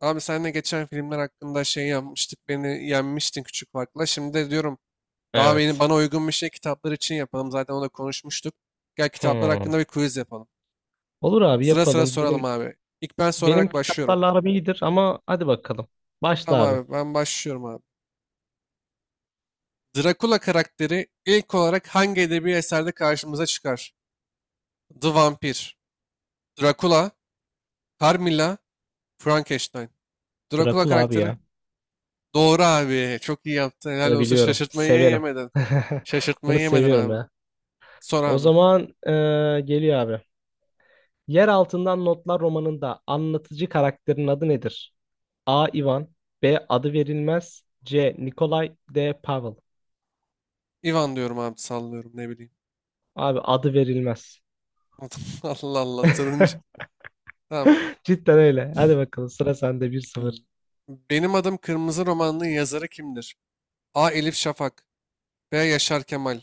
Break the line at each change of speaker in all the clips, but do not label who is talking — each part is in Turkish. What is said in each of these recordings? Abi seninle geçen filmler hakkında şey yapmıştık. Beni yenmiştin küçük farkla. Şimdi de diyorum daha beni
Evet.
bana uygun bir şey kitaplar için yapalım. Zaten onu da konuşmuştuk. Gel kitaplar hakkında
Hmm.
bir quiz yapalım.
Olur abi,
Sıra sıra
yapalım.
soralım
Benim
abi. İlk ben
benim
sorarak başlıyorum.
kitaplarla aram iyidir ama hadi bakalım. Başla
Tamam
abi.
abi ben başlıyorum abi. Dracula karakteri ilk olarak hangi edebi eserde karşımıza çıkar? The Vampir, Dracula, Carmilla, Frankenstein. Dracula
Drakula abi
karakteri.
ya.
Doğru abi. Çok iyi yaptın. Helal
Bunu
olsun.
biliyorum. Severim. Bunu
Şaşırtmayı yemeden
seviyorum
abi.
ya.
Sor
O
abi.
zaman geliyor abi. Yer Altından Notlar romanında anlatıcı karakterin adı nedir? A. Ivan B. Adı verilmez C. Nikolay D. Pavel.
Ivan diyorum abi, sallıyorum, ne bileyim.
Abi, adı verilmez.
Allah Allah sorunca. Tamam.
Cidden öyle. Hadi bakalım, sıra sende. 1-0.
Benim Adım Kırmızı romanının yazarı kimdir? A. Elif Şafak. B. Yaşar Kemal.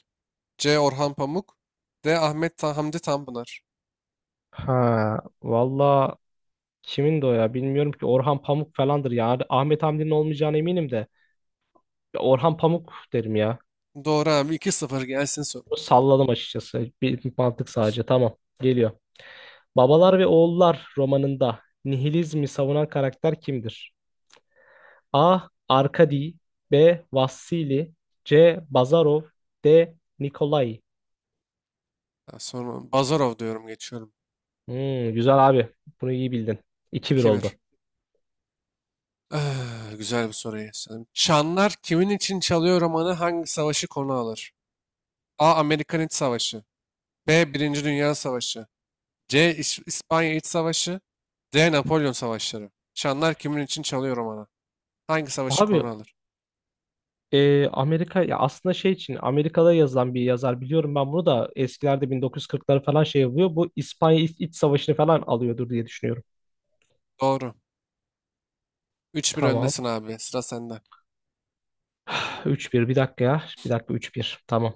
C. Orhan Pamuk. D. Ahmet Ta Hamdi Tanpınar.
Ha, valla, kimin de o ya, bilmiyorum ki. Orhan Pamuk falandır ya. Ahmet Hamdi'nin olmayacağına eminim de. Ya, Orhan Pamuk derim ya.
Doğru abi, 2-0 gelsin soru.
Salladım açıkçası. Bir mantık sadece, tamam, geliyor. Babalar ve Oğullar romanında nihilizmi savunan karakter kimdir? A. Arkadi B. Vassili C. Bazarov D. Nikolai.
Ha, sonra Bazarov diyorum, geçiyorum.
Hmm, güzel abi. Bunu iyi bildin. 2-1
2-1.
oldu.
Ah, güzel bir soruyu sanırım. Çanlar kimin için çalıyor romanı hangi savaşı konu alır? A. Amerikan İç Savaşı. B. Birinci Dünya Savaşı. C. İspanya İç Savaşı. D. Napolyon Savaşları. Şanlar kimin için çalıyor romanı hangi savaşı
Abi,
konu alır?
Amerika ya, aslında şey için Amerika'da yazılan bir yazar biliyorum, ben bunu da eskilerde 1940'ları falan şey yapıyor. Bu İspanya İç Savaşı'nı falan alıyordur diye düşünüyorum.
Doğru. 3-1
Tamam.
öndesin abi. Sıra sende.
3-1. Bir dakika ya. Bir dakika, 3-1. Tamam.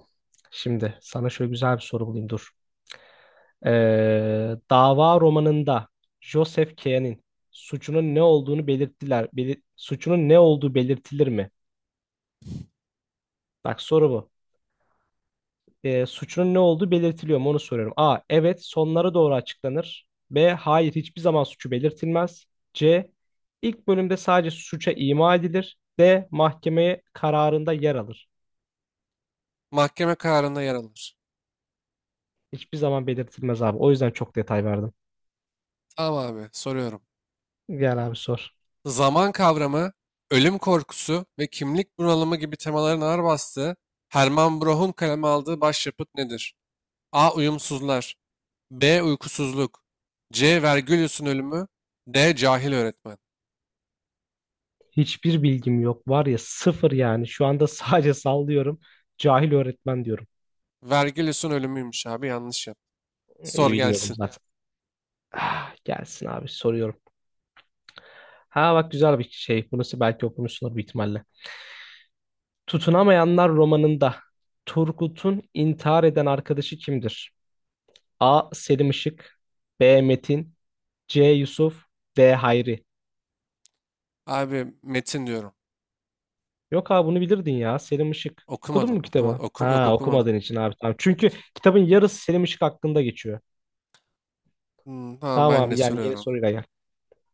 Şimdi sana şöyle güzel bir soru bulayım, dur. Dava romanında Joseph K'nin suçunun ne olduğunu belirttiler. Suçunun ne olduğu belirtilir mi? Bak, soru bu. Suçunun ne olduğu belirtiliyor mu, onu soruyorum. A. Evet, sonlara doğru açıklanır. B. Hayır, hiçbir zaman suçu belirtilmez. C. İlk bölümde sadece suça ima edilir. D. Mahkemeye kararında yer alır.
Mahkeme kararında yer alır.
Hiçbir zaman belirtilmez abi. O yüzden çok detay verdim.
Tamam abi, soruyorum.
Gel abi, sor.
Zaman kavramı, ölüm korkusu ve kimlik bunalımı gibi temaların ağır bastığı, Hermann Broch'un kaleme aldığı başyapıt nedir? A. Uyumsuzlar. B. Uykusuzluk. C. Vergilius'un ölümü. D. Cahil öğretmen.
Hiçbir bilgim yok. Var ya, sıfır yani. Şu anda sadece sallıyorum. Cahil öğretmen diyorum.
Vergilius'un ölümüymüş abi. Yanlış yap. Sor
İyi bilmiyordum
gelsin.
zaten. Ah, gelsin abi, soruyorum. Ha bak, güzel bir şey. Bunu belki okumuşsunuz bir ihtimalle. Tutunamayanlar romanında Turgut'un intihar eden arkadaşı kimdir? A. Selim Işık B. Metin C. Yusuf D. Hayri.
Abi, metin diyorum.
Yok abi, bunu bilirdin ya, Selim Işık. Okudun
Okumadım,
mu kitabı?
okumadım. Oku, yok
Ha,
okumadım.
okumadığın için abi, tamam. Çünkü kitabın yarısı Selim Işık hakkında geçiyor.
Hmm. Tamam,
Tamam
ben de
abi, yani yeni
soruyorum.
soruyla gel.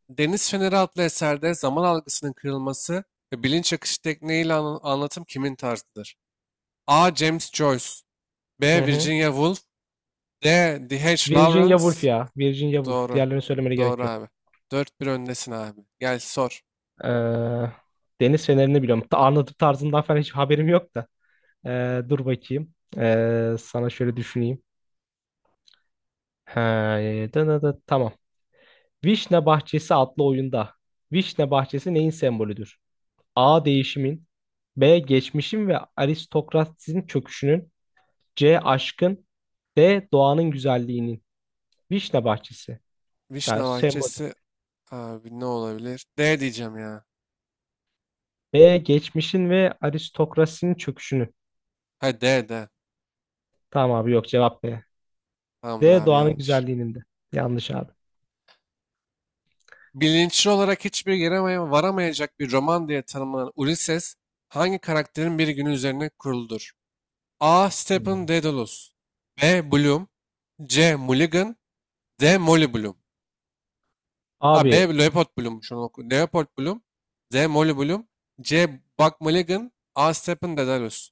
Deniz Feneri adlı eserde zaman algısının kırılması ve bilinç akışı tekniğiyle anlatım kimin tarzıdır? A. James Joyce.
Hı
B.
hı.
Virginia Woolf. D. D H
Virginia
Lawrence.
Woolf ya. Virginia Woolf.
Doğru.
Diğerlerini söylemene
Doğru
gerek yok.
abi. 4-1 öndesin abi. Gel sor.
Ee, Deniz Feneri'ni biliyorum. Anlatım tarzından falan hiç haberim yok da. Dur bakayım. Sana şöyle düşüneyim. He, tamam. Vişne bahçesi adlı oyunda. Vişne bahçesi neyin sembolüdür? A. Değişimin. B. Geçmişin ve aristokrasinin çöküşünün. C. Aşkın. D. Doğanın güzelliğinin. Vişne bahçesi.
Vişne
Yani sembolü.
Bahçesi abi, ne olabilir? D diyeceğim ya.
B. Geçmişin ve aristokrasinin çöküşünün.
Ha, D, D.
Tamam abi, yok, cevap B.
Tamamdır
D.
abi,
Doğanın
yanlış.
güzelliğinin de. Yanlış abi.
Bilinçli olarak hiçbir yere varamayacak bir roman diye tanımlanan Ulysses hangi karakterin bir günü üzerine kuruludur? A. Stephen
Hmm.
Dedalus. B. Bloom. C. Mulligan. D. Molly Bloom. A. B.
Abi
Leopold Bloom, şunu oku. Leopold Bloom. D. Molly Bloom. C. Buck Mulligan. A. Stephen Dedalus.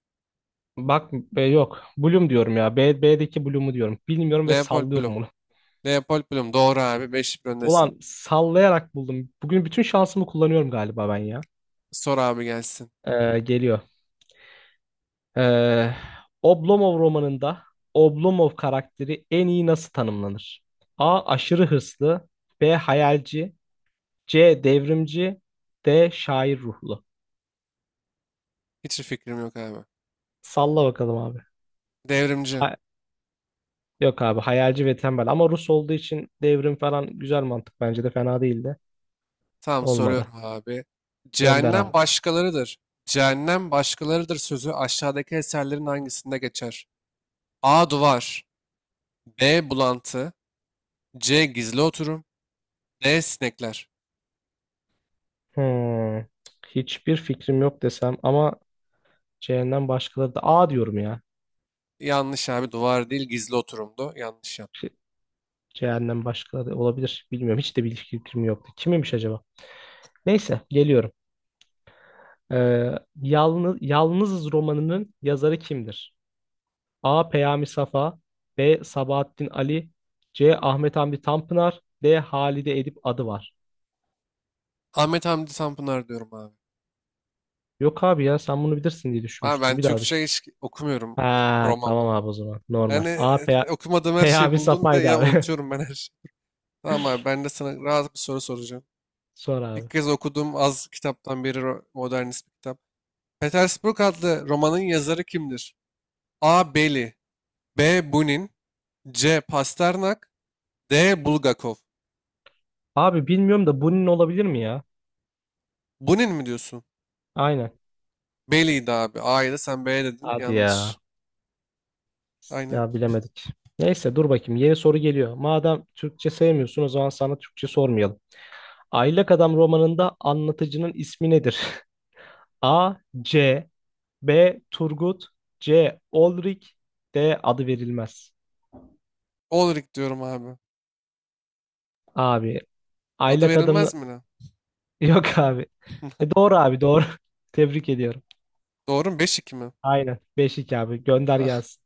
bak, Yok. Bloom diyorum ya. B, B'deki Bloom'u diyorum. Bilmiyorum ve
Leopold
sallıyorum.
Bloom. Leopold Bloom doğru abi, 5 öndesin.
Ulan, sallayarak buldum. Bugün bütün şansımı kullanıyorum galiba ben ya.
Sor abi, gelsin.
Geliyor. Ee, Oblomov romanında Oblomov karakteri en iyi nasıl tanımlanır? A. Aşırı hırslı. B. Hayalci. C. Devrimci. D. Şair ruhlu.
Hiç fikrim yok abi.
Salla bakalım abi.
Devrimci.
Ha- Yok abi, hayalci ve tembel, ama Rus olduğu için devrim falan güzel mantık, bence de fena değildi.
Tamam, soruyorum
Olmadı.
abi.
Gönder
Cehennem
abi.
başkalarıdır. Cehennem başkalarıdır sözü aşağıdaki eserlerin hangisinde geçer? A. Duvar. B. Bulantı. C. Gizli oturum. D. Sinekler.
Hmm. Hiçbir fikrim yok desem ama C'den başkaları da, A diyorum ya.
Yanlış abi. Duvar değil, gizli oturumdu. Yanlış yaptım.
Şey, C'den başkaları da olabilir. Bilmiyorum. Hiç de bir fikrim yoktu. Kimmiş acaba? Neyse, geliyorum. Ee, Yalnız, Yalnızız romanının yazarı kimdir? A. Peyami Safa B. Sabahattin Ali C. Ahmet Hamdi Tanpınar D. Halide Edip adı var.
Ahmet Hamdi Tanpınar diyorum abi.
Yok abi ya, sen bunu bilirsin diye
Abi, ben
düşünmüştüm. Bir daha
Türkçe
düşün.
hiç okumuyorum.
Ha,
Roman
tamam
roman.
abi o zaman. Normal.
Yani,
A.
okumadığım her şeyi
Peyami
buldum. Bir de
Safa'ydı
ya,
abi.
unutuyorum ben her şeyi. Tamam abi, ben de sana rahat bir soru soracağım.
Sor abi.
İlk kez okuduğum az kitaptan biri, modernist bir kitap. Petersburg adlı romanın yazarı kimdir? A. Beli. B. Bunin. C. Pasternak. D. Bulgakov.
Abi bilmiyorum da, bunun olabilir mi ya?
Bunin mi diyorsun?
Aynen.
Beli'ydi abi. A'yı da sen B'ye dedin.
Hadi ya.
Yanlış. Aynen.
Ya bilemedik. Neyse, dur bakayım. Yeni soru geliyor. Madem Türkçe sevmiyorsun, o zaman sana Türkçe sormayalım. Aylak Adam romanında anlatıcının ismi nedir? A. C. B. Turgut. C. Olrik. D. Adı verilmez.
Ulrich diyorum abi.
Abi.
Adı
Aylak Adam'ın...
verilmez mi lan?
Yok abi. E, doğru abi, doğru. Tebrik ediyorum.
Doğru mu? 5-2 mi?
Aynen. 5-2 abi. Gönder
Ah.
gelsin.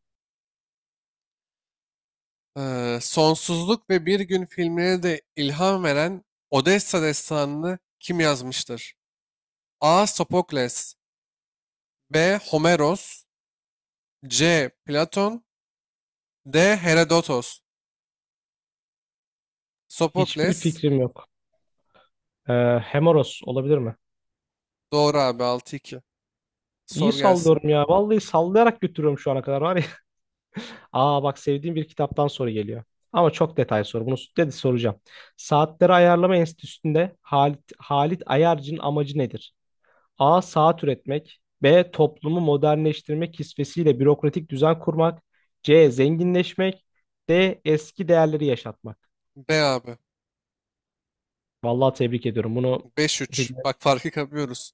Sonsuzluk ve Bir Gün filmine de ilham veren Odessa destanını kim yazmıştır? A. Sopokles. B. Homeros. C. Platon. D. Herodotos.
Hiçbir
Sopokles.
fikrim yok. Hemoros olabilir mi?
Doğru abi, 6-2.
İyi
Sor gelsin.
sallıyorum ya. Vallahi sallayarak götürüyorum şu ana kadar var. Aa bak, sevdiğim bir kitaptan soru geliyor. Ama çok detay soru. Bunu dedi soracağım. Saatleri Ayarlama Enstitüsü'nde Halit Ayarcı'nın amacı nedir? A. Saat üretmek. B. Toplumu modernleştirmek kisvesiyle bürokratik düzen kurmak. C. Zenginleşmek. D. Eski değerleri yaşatmak.
B abi.
Vallahi tebrik ediyorum. Bunu
5-3.
bilmek,
Bak, farkı kapıyoruz.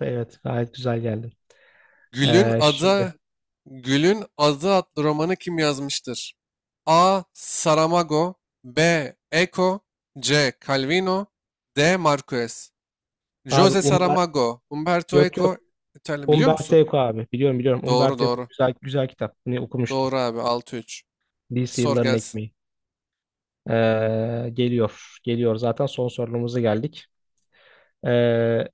evet, gayet güzel geldi.
Gül'ün
Şimdi
adı. Gül'ün adı adlı romanı kim yazmıştır? A. Saramago. B. Eco. C. Calvino. D. Marquez.
abi,
Jose Saramago. Umberto
Yok yok,
Eco. İtalya biliyor
Umberto
musun?
Eco abi, biliyorum biliyorum.
Doğru,
Umberto Eco,
doğru.
güzel güzel kitap. Bunu okumuştum.
Doğru abi, 6-3.
Lise
Sor
yılların
gelsin.
ekmeği. Geliyor. Geliyor zaten, son sorumuza geldik. Ee,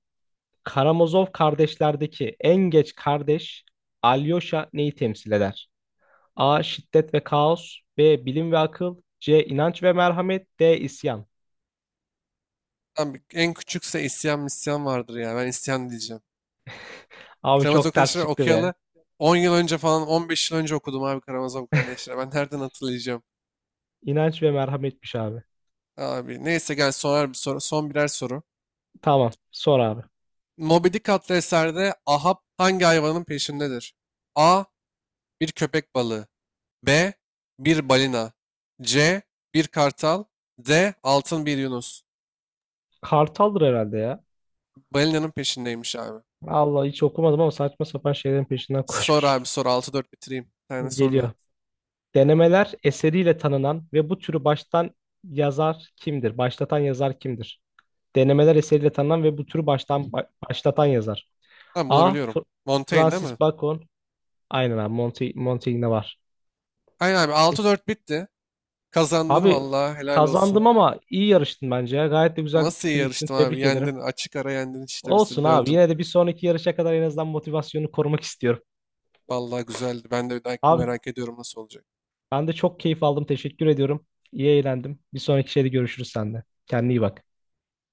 Karamazov kardeşlerdeki en geç kardeş Alyosha neyi temsil eder? A. Şiddet ve kaos. B. Bilim ve akıl. C. İnanç ve merhamet. D. İsyan.
Lan, en küçükse isyan misyan vardır ya. Ben isyan diyeceğim.
Abi
Karamazov
çok ters
kardeşleri
çıktı be.
okuyalı 10 yıl önce falan, 15 yıl önce okudum abi Karamazov kardeşleri. Ben nereden hatırlayacağım?
İnanç ve merhametmiş abi.
Abi neyse, gel sorar bir soru. Son birer soru.
Tamam. Sor abi.
Moby Dick adlı eserde Ahab hangi hayvanın peşindedir? A. Bir köpek balığı. B. Bir balina. C. Bir kartal. D. Altın bir yunus.
Kartaldır herhalde ya.
Balinanın peşindeymiş abi.
Allah, hiç okumadım ama saçma sapan şeylerin peşinden
Sor
koşmuş.
abi, sor. 6-4 bitireyim. Bir tane sor
Geliyor.
da.
Denemeler eseriyle tanınan ve bu türü baştan yazar kimdir? Başlatan yazar kimdir? Denemeler eseriyle tanınan ve bu türü baştan başlatan yazar.
Tamam, bunu
A.
biliyorum. Montaigne değil mi?
Francis Bacon. Aynen abi. Monty var.
Aynen abi, 6-4 bitti. Kazandın
Abi
vallahi, helal olsun.
kazandım ama iyi yarıştın bence ya. Gayet de güzel bir
Nasıl iyi
fikir yürüttün.
yarıştım abi?
Tebrik ederim.
Yendin. Açık ara yendin işte, bizi
Olsun abi.
dövdün.
Yine de bir sonraki yarışa kadar en azından motivasyonu korumak istiyorum.
Vallahi güzeldi. Ben de bir dahakini
Abi
merak ediyorum, nasıl olacak.
ben de çok keyif aldım. Teşekkür ediyorum. İyi eğlendim. Bir sonraki şeyde görüşürüz sende. Kendine iyi bak.